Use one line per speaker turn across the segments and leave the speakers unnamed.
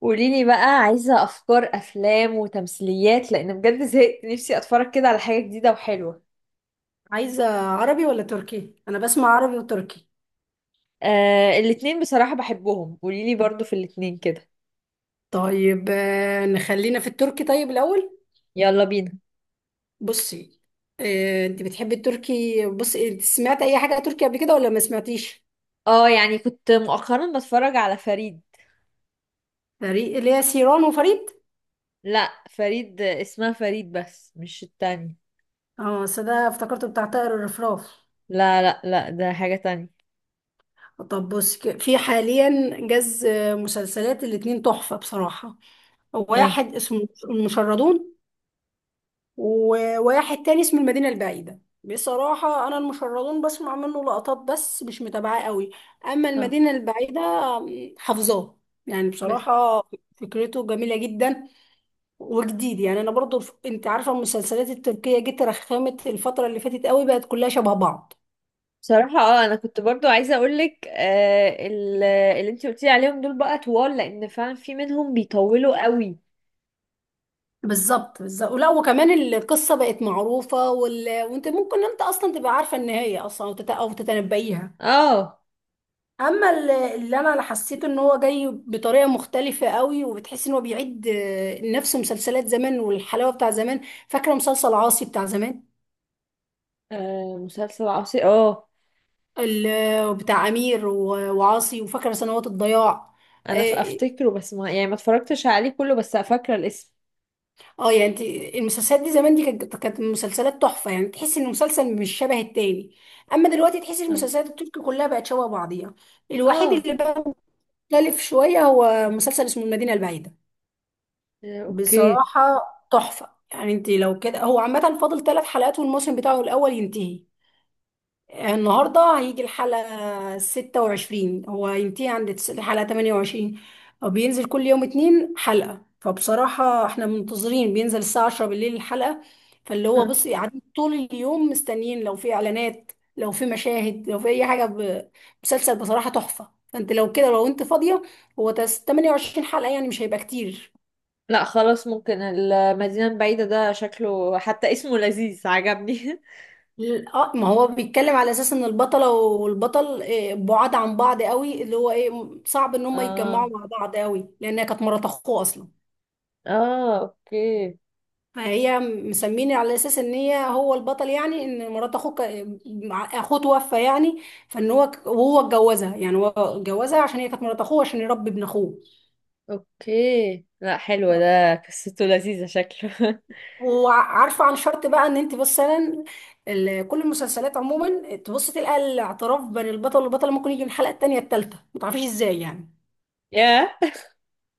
قوليلي بقى عايزة أفكار أفلام وتمثيليات لأن بجد زهقت نفسي أتفرج كده على حاجة جديدة وحلوة.
عايزة عربي ولا تركي؟ أنا بسمع عربي وتركي.
آه، الاتنين بصراحة بحبهم، قوليلي برضو في الاتنين كده.
طيب نخلينا في التركي طيب الأول.
يلا بينا.
بصي. أنت بتحبي التركي؟ بصي، إنت سمعت أي حاجة تركي قبل كده ولا ما سمعتيش؟
اه، يعني كنت مؤخرا بتفرج على فريد.
فريق اللي هي سيران وفريد؟
لا، فريد اسمها فريد بس مش التاني.
اه، أصل ده افتكرته بتاع طائر الرفراف.
لا لا لا، ده حاجة تانية.
طب بصي، في حاليا جاز، مسلسلات الاتنين تحفة بصراحة.
اه.
واحد اسمه المشردون، وواحد تاني اسمه المدينة البعيدة. بصراحة أنا المشردون بسمع منه لقطات بس مش متابعاه قوي، أما
اه،
المدينة البعيدة حافظاه. يعني
بس
بصراحة فكرته جميلة جدا وجديد. يعني أنا برضو أنت عارفة المسلسلات التركية جت رخمت الفترة اللي فاتت قوي، بقت كلها شبه بعض.
بصراحة انا كنت برضو عايزة اقولك، اللي انتي قلتي عليهم دول بقى طوال لان فعلا في منهم بيطولوا قوي.
بالظبط بالظبط، ولا وكمان القصة بقت معروفة وأنت ممكن أنت أصلا تبقى عارفة النهاية أصلا، أو أو تتنبئيها.
اه.
اما اللي انا حسيته ان هو جاي بطريقه مختلفه قوي، وبتحس ان هو بيعيد نفس مسلسلات زمان والحلاوه بتاع زمان. فاكره مسلسل عاصي بتاع زمان؟
آه، مسلسل عصي اه.
بتاع امير وعاصي، وفاكره سنوات الضياع.
انا
اه،
افتكره، بس ما يعني ما اتفرجتش عليه كله، بس فاكره الاسم.
يعني انت المسلسلات دي زمان دي كانت مسلسلات تحفه، يعني تحس ان المسلسل مش شبه التاني. اما دلوقتي تحس
اه.
المسلسلات التركي كلها بقت شبه بعضيها. الوحيد
اه.
اللي بقى مختلف شويه هو مسلسل اسمه المدينه البعيده.
آه، اوكي.
بصراحة تحفة. يعني انت لو كده، هو عامة فاضل 3 حلقات والموسم بتاعه الأول ينتهي. النهاردة هيجي الحلقة 26، هو ينتهي عند الحلقة 28. هو بينزل كل يوم اتنين حلقة، فبصراحة احنا منتظرين بينزل الساعة 10 بالليل الحلقة. فاللي هو
آه.
بصي قاعدين طول اليوم مستنيين لو في إعلانات، لو في مشاهد، لو في أي حاجة مسلسل بصراحة تحفة. فانت لو كده، لو انت فاضية، هو 28 حلقة يعني مش هيبقى كتير.
لا خلاص، ممكن المدينه البعيده ده، شكله حتى اسمه لذيذ عجبني.
اه، ما هو بيتكلم على اساس ان البطله والبطل، بعاد عن بعض قوي، اللي هو ايه، صعب ان هم
اه
يتجمعوا مع بعض قوي لانها كانت مرات اخوه اصلا.
اه اوكي
فهي مسميني على اساس ان هي هو البطل، يعني ان مرات اخوه اخوه توفى يعني. فان هو وهو اتجوزها، يعني هو اتجوزها عشان هي كانت مرات اخوه، عشان يربي ابن اخوه.
اوكي، لا حلو، ده قصته لذيذه شكله.
وعارفه عن شرط بقى ان انت مثلا، كل المسلسلات عموما تبص تلقى الاعتراف بين البطل والبطله ممكن يجي من الحلقه التانيه التالته، ما تعرفيش ازاي يعني.
ياه.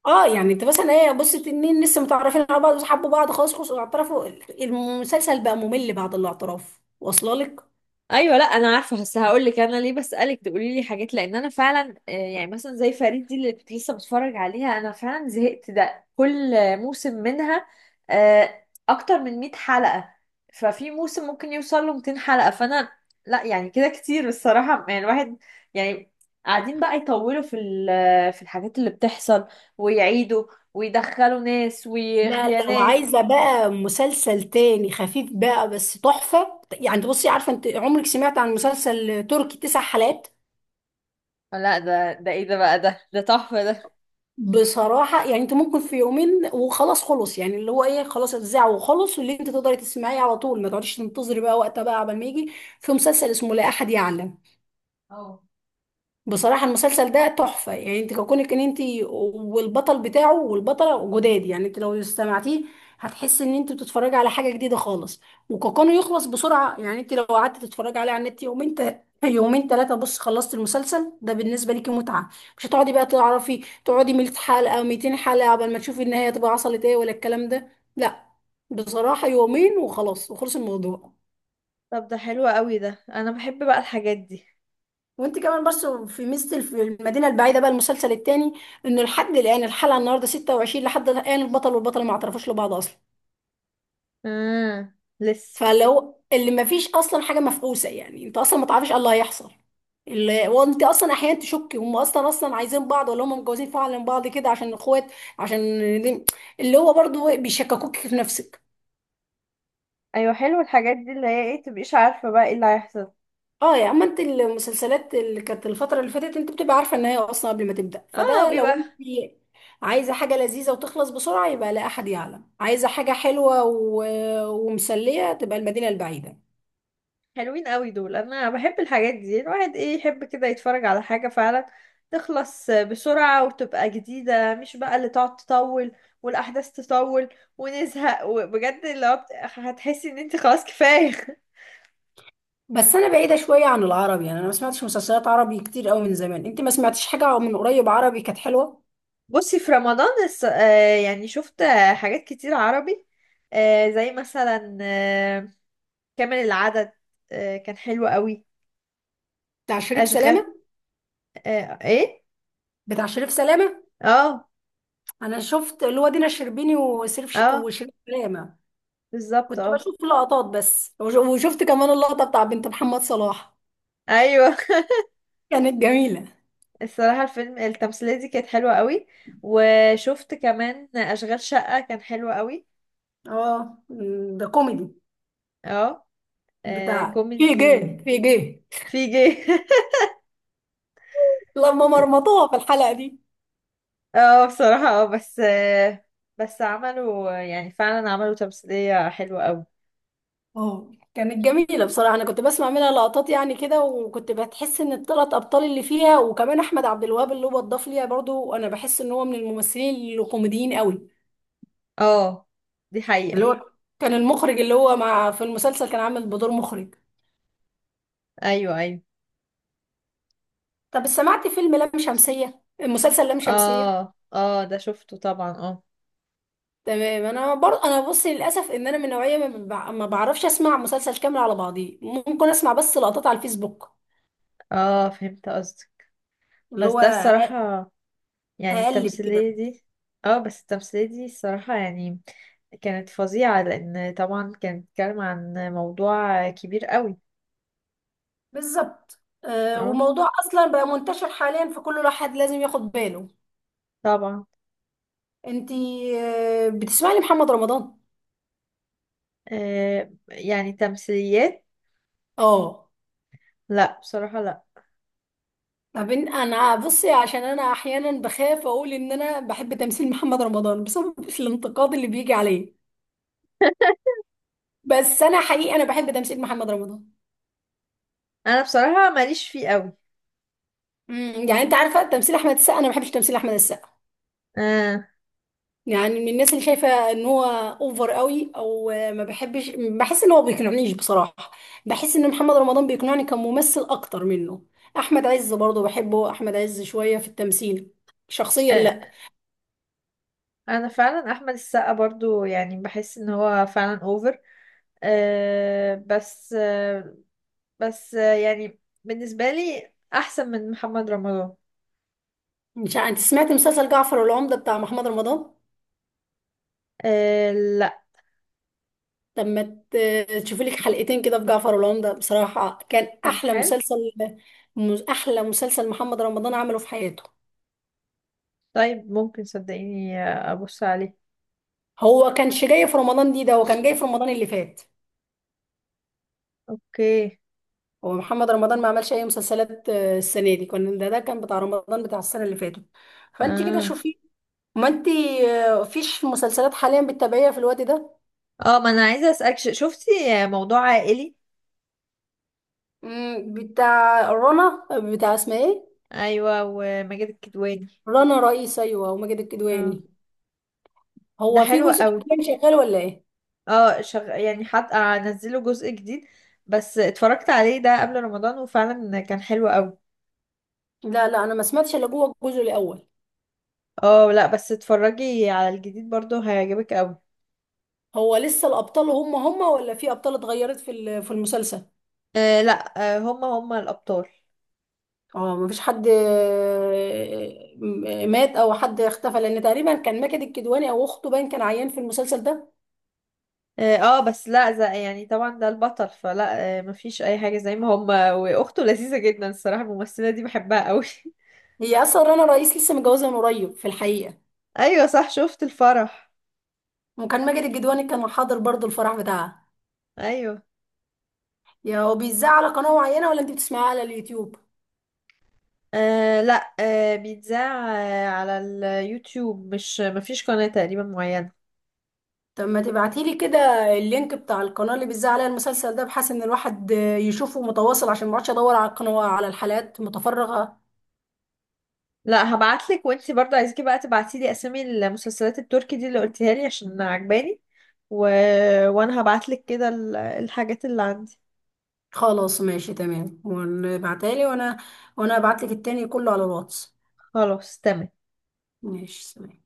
اه، يعني انت مثلا ايه، بص اتنين لسه متعرفين على بعض وحبوا بعض، خلاص خلاص اعترفوا. المسلسل بقى ممل بعد الاعتراف، واصله لك.
ايوه، لا انا عارفه، بس هقول لك انا ليه بسالك تقولي لي حاجات، لان انا فعلا، يعني مثلا زي فريد دي اللي كنت لسه بتفرج عليها انا فعلا زهقت، ده كل موسم منها اكتر من 100 حلقه، ففي موسم ممكن يوصل له 200 حلقه، فانا لا يعني كده كتير الصراحه. يعني الواحد، يعني قاعدين بقى يطولوا في الحاجات اللي بتحصل ويعيدوا ويدخلوا ناس
لا، لو
وخيانات.
عايزه بقى مسلسل تاني خفيف بقى بس تحفه، يعني انت بصي، عارفه انت عمرك سمعت عن مسلسل تركي 9 حلقات؟
لا، ده ده ايه ده، بقى ده تحفه ده.
بصراحه يعني انت ممكن في يومين وخلاص خلص، يعني اللي هو ايه، خلاص اتذاع وخلص، واللي انت تقدري تسمعيه على طول، ما تقعديش تنتظري بقى وقتها بقى قبل ما يجي. في مسلسل اسمه لا احد يعلم.
اه.
بصراحة المسلسل ده تحفة، يعني انت كونك ان انت والبطل بتاعه والبطلة جداد، يعني انت لو استمعتيه هتحسي ان انت بتتفرجي على حاجة جديدة خالص. وكونه يخلص بسرعة، يعني انت لو قعدت تتفرجي عليه على النت يومين يومين ثلاثة، بص خلصت المسلسل، ده بالنسبة ليكي متعة. مش هتقعدي بقى تعرفي تقعدي 100 حلقة 200 حلقة قبل ما تشوفي النهاية تبقى حصلت ايه ولا الكلام ده. لا، بصراحة يومين وخلاص وخلص الموضوع.
طب ده حلو قوي، ده انا بحب بقى الحاجات دي.
وانت كمان برضه في ميزه في المدينه البعيده بقى المسلسل التاني، انه لحد الان الحلقه النهارده 26، لحد الان البطل والبطله ما اعترفوش لبعض اصلا.
لسه.
فلو اللي ما فيش اصلا حاجه مفقوسه، يعني انت اصلا ما تعرفش ايه اللي هيحصل. اللي وانت اصلا احيانا تشك هم اصلا اصلا عايزين بعض ولا هم متجوزين فعلا بعض كده عشان اخوات، عشان دي- اللي هو برضه بيشككوك في نفسك.
ايوه، حلو الحاجات دي اللي هي ايه، تبقيش عارفه بقى ايه اللي هيحصل.
اه، يا اما انت المسلسلات اللي كانت الفتره اللي فاتت انت بتبقى عارفه النهايه اصلا قبل ما تبدا،
اه،
فده لو انت
بيبقى
عايزه حاجه لذيذه وتخلص بسرعه يبقى لا احد يعلم، عايزه حاجه حلوه ومسليه تبقى المدينه البعيده.
حلوين قوي دول، انا بحب الحاجات دي، الواحد ايه يحب كده يتفرج على حاجه فعلا تخلص بسرعه وتبقى جديده، مش بقى اللي تقعد تطول والاحداث تطول ونزهق، وبجد هتحسي ان انت خلاص كفايه.
بس انا بعيده شويه عن العربي، يعني انا ما سمعتش مسلسلات عربي كتير قوي من زمان. انت ما سمعتيش حاجه من قريب عربي كانت حلوه؟
بصي في رمضان يعني شفت حاجات كتير عربي، زي مثلا كامل العدد. آه، كان حلو قوي.
بتاع شريف
اشغال.
سلامه.
آه، ايه.
بتاع شريف سلامه.
اه.
انا شفت اللي هو دينا الشربيني وشريف
اه،
وشريف سلامه.
بالظبط
كنت
اه.
بشوف لقطات بس، وشفت كمان اللقطه بتاع بنت محمد صلاح.
ايوه.
كانت جميلة.
الصراحه الفيلم التمثيليه دي كانت حلوه قوي، وشفت كمان اشغال شقه كان حلو قوي.
اه، ده كوميدي.
اه. آه،
بتاع في
كوميدي.
جد في جد،
في جي.
لما مرمطوها في الحلقة دي.
اه بصراحه اه، بس بس عملوا يعني فعلا عملوا تمثيليه حلوه قوي.
اه كانت جميلة بصراحة، أنا كنت بسمع منها لقطات يعني كده، وكنت بتحس إن الثلاث أبطال اللي فيها، وكمان أحمد عبد الوهاب اللي هو اتضاف ليها برضو، أنا بحس إن هو من الممثلين الكوميديين قوي.
اه، دي
اللي
حقيقه.
هو كان المخرج، اللي هو مع في المسلسل كان عامل بدور مخرج.
ايوه ايوه.
طب سمعت فيلم لام شمسية، المسلسل لام شمسية؟
اه اه، ده شفته طبعا اه.
تمام. انا برضه انا بص للاسف ان انا من نوعيه ما، ما بعرفش اسمع مسلسل كامل على بعضيه، ممكن اسمع بس لقطات على الفيسبوك.
اه، فهمت قصدك.
اللي
بس ده
هو
الصراحة يعني
اقلب كده.
التمثيلية دي، اه، بس التمثيلية دي الصراحة يعني كانت فظيعة، لأن طبعا كانت بتتكلم عن موضوع كبير قوي.
بالظبط،
اه،
وموضوع اصلا بقى منتشر حاليا، فكل واحد لازم ياخد باله.
طبعا.
انتي بتسمعي لمحمد رمضان؟
آه، يعني تمثيليات؟
اه.
لا بصراحة لا.
طب انا بصي، عشان انا احيانا بخاف اقول ان انا بحب تمثيل محمد رمضان بسبب الانتقاد اللي بيجي عليه، بس انا حقيقي انا بحب تمثيل محمد رمضان.
أنا بصراحة ماليش فيه قوي.
يعني انت عارفه تمثيل احمد السقا؟ انا ما بحبش تمثيل احمد السقا،
آه.
يعني من الناس اللي شايفه ان هو اوفر قوي، او ما بحبش، بحس ان هو بيقنعنيش بصراحه. بحس ان محمد رمضان بيقنعني كممثل اكتر منه. احمد عز برضه بحبه، احمد عز شويه في التمثيل شخصيا،
آه،
لا.
أنا فعلا أحمد السقا برضو يعني بحس إن هو فعلا أوفر. آه، بس يعني بالنسبة لي أحسن من محمد رمضان.
مش انت سمعت مسلسل جعفر والعمده بتاع محمد رمضان؟
آه لا،
طب ما تشوفي لك حلقتين كده في جعفر والعمده، بصراحه كان
كان
احلى
حلو.
مسلسل، احلى مسلسل محمد رمضان عمله في حياته.
طيب ممكن صدقيني ابص عليه.
هو كانش جاي في رمضان دي، ده هو كان جاي في رمضان اللي فات.
اوكي.
هو محمد رمضان ما عملش اي مسلسلات السنه دي، كان ده كان بتاع رمضان بتاع السنه اللي فاتت. فانت كده
اه.
شوفي. ما انت فيش مسلسلات حاليا بتتابعيها في الوقت ده؟
اه، ما انا عايزه اسالك شفتي موضوع عائلي؟
بتاع رنا، بتاع اسمها ايه؟
ايوه، وماجد الكدواني.
رنا رئيس، ايوه، وماجد
اه.
الكدواني.
ده
هو في
حلو
جزء
قوي.
كان شغال ولا ايه؟
اه، يعني حد انزله جزء جديد، بس اتفرجت عليه ده قبل رمضان وفعلا كان حلو قوي.
لا لا، انا ما سمعتش الا جوه الجزء الاول.
اه لا، بس اتفرجي على الجديد برضو هيعجبك قوي.
هو لسه الابطال هم هم، ولا في ابطال اتغيرت في في المسلسل؟
آه لا، آه هما هما الابطال.
اه مفيش حد، مات او حد اختفى، لان تقريبا كان ماجد الكدواني او اخته باين كان عيان في المسلسل ده.
اه، بس لا زي يعني طبعا ده البطل، فلا مفيش اي حاجة، زي ما هما واخته لذيذة جدا الصراحة، الممثلة دي بحبها قوي.
هي اصلا رنا رئيس لسه متجوزه من قريب في الحقيقه،
ايوه صح، شفت الفرح.
وكان ماجد الكدواني كان حاضر برضو الفرح بتاعها.
ايوه.
يا هو بيذاع على قناه معينه ولا انت بتسمعيها على اليوتيوب؟
لا بيتذاع على اليوتيوب، مش مفيش قناة تقريبا معينة.
طب ما تبعتيلي كده اللينك بتاع القناه اللي بيذاع عليها المسلسل ده، بحيث ان الواحد يشوفه متواصل، عشان ما اقعدش ادور على القناه على الحلقات متفرغه.
لا هبعتلك، وانتي برضه عايزاكي بقى تبعتيلي اسامي المسلسلات التركي دي اللي قلتيها لي عشان عجباني، و... وانا هبعتلك كده الحاجات اللي عندي.
خلاص ماشي تمام، وابعتها لي، وانا ابعت لك التاني كله على الواتس.
خلاص تمام.
ماشي، سلام.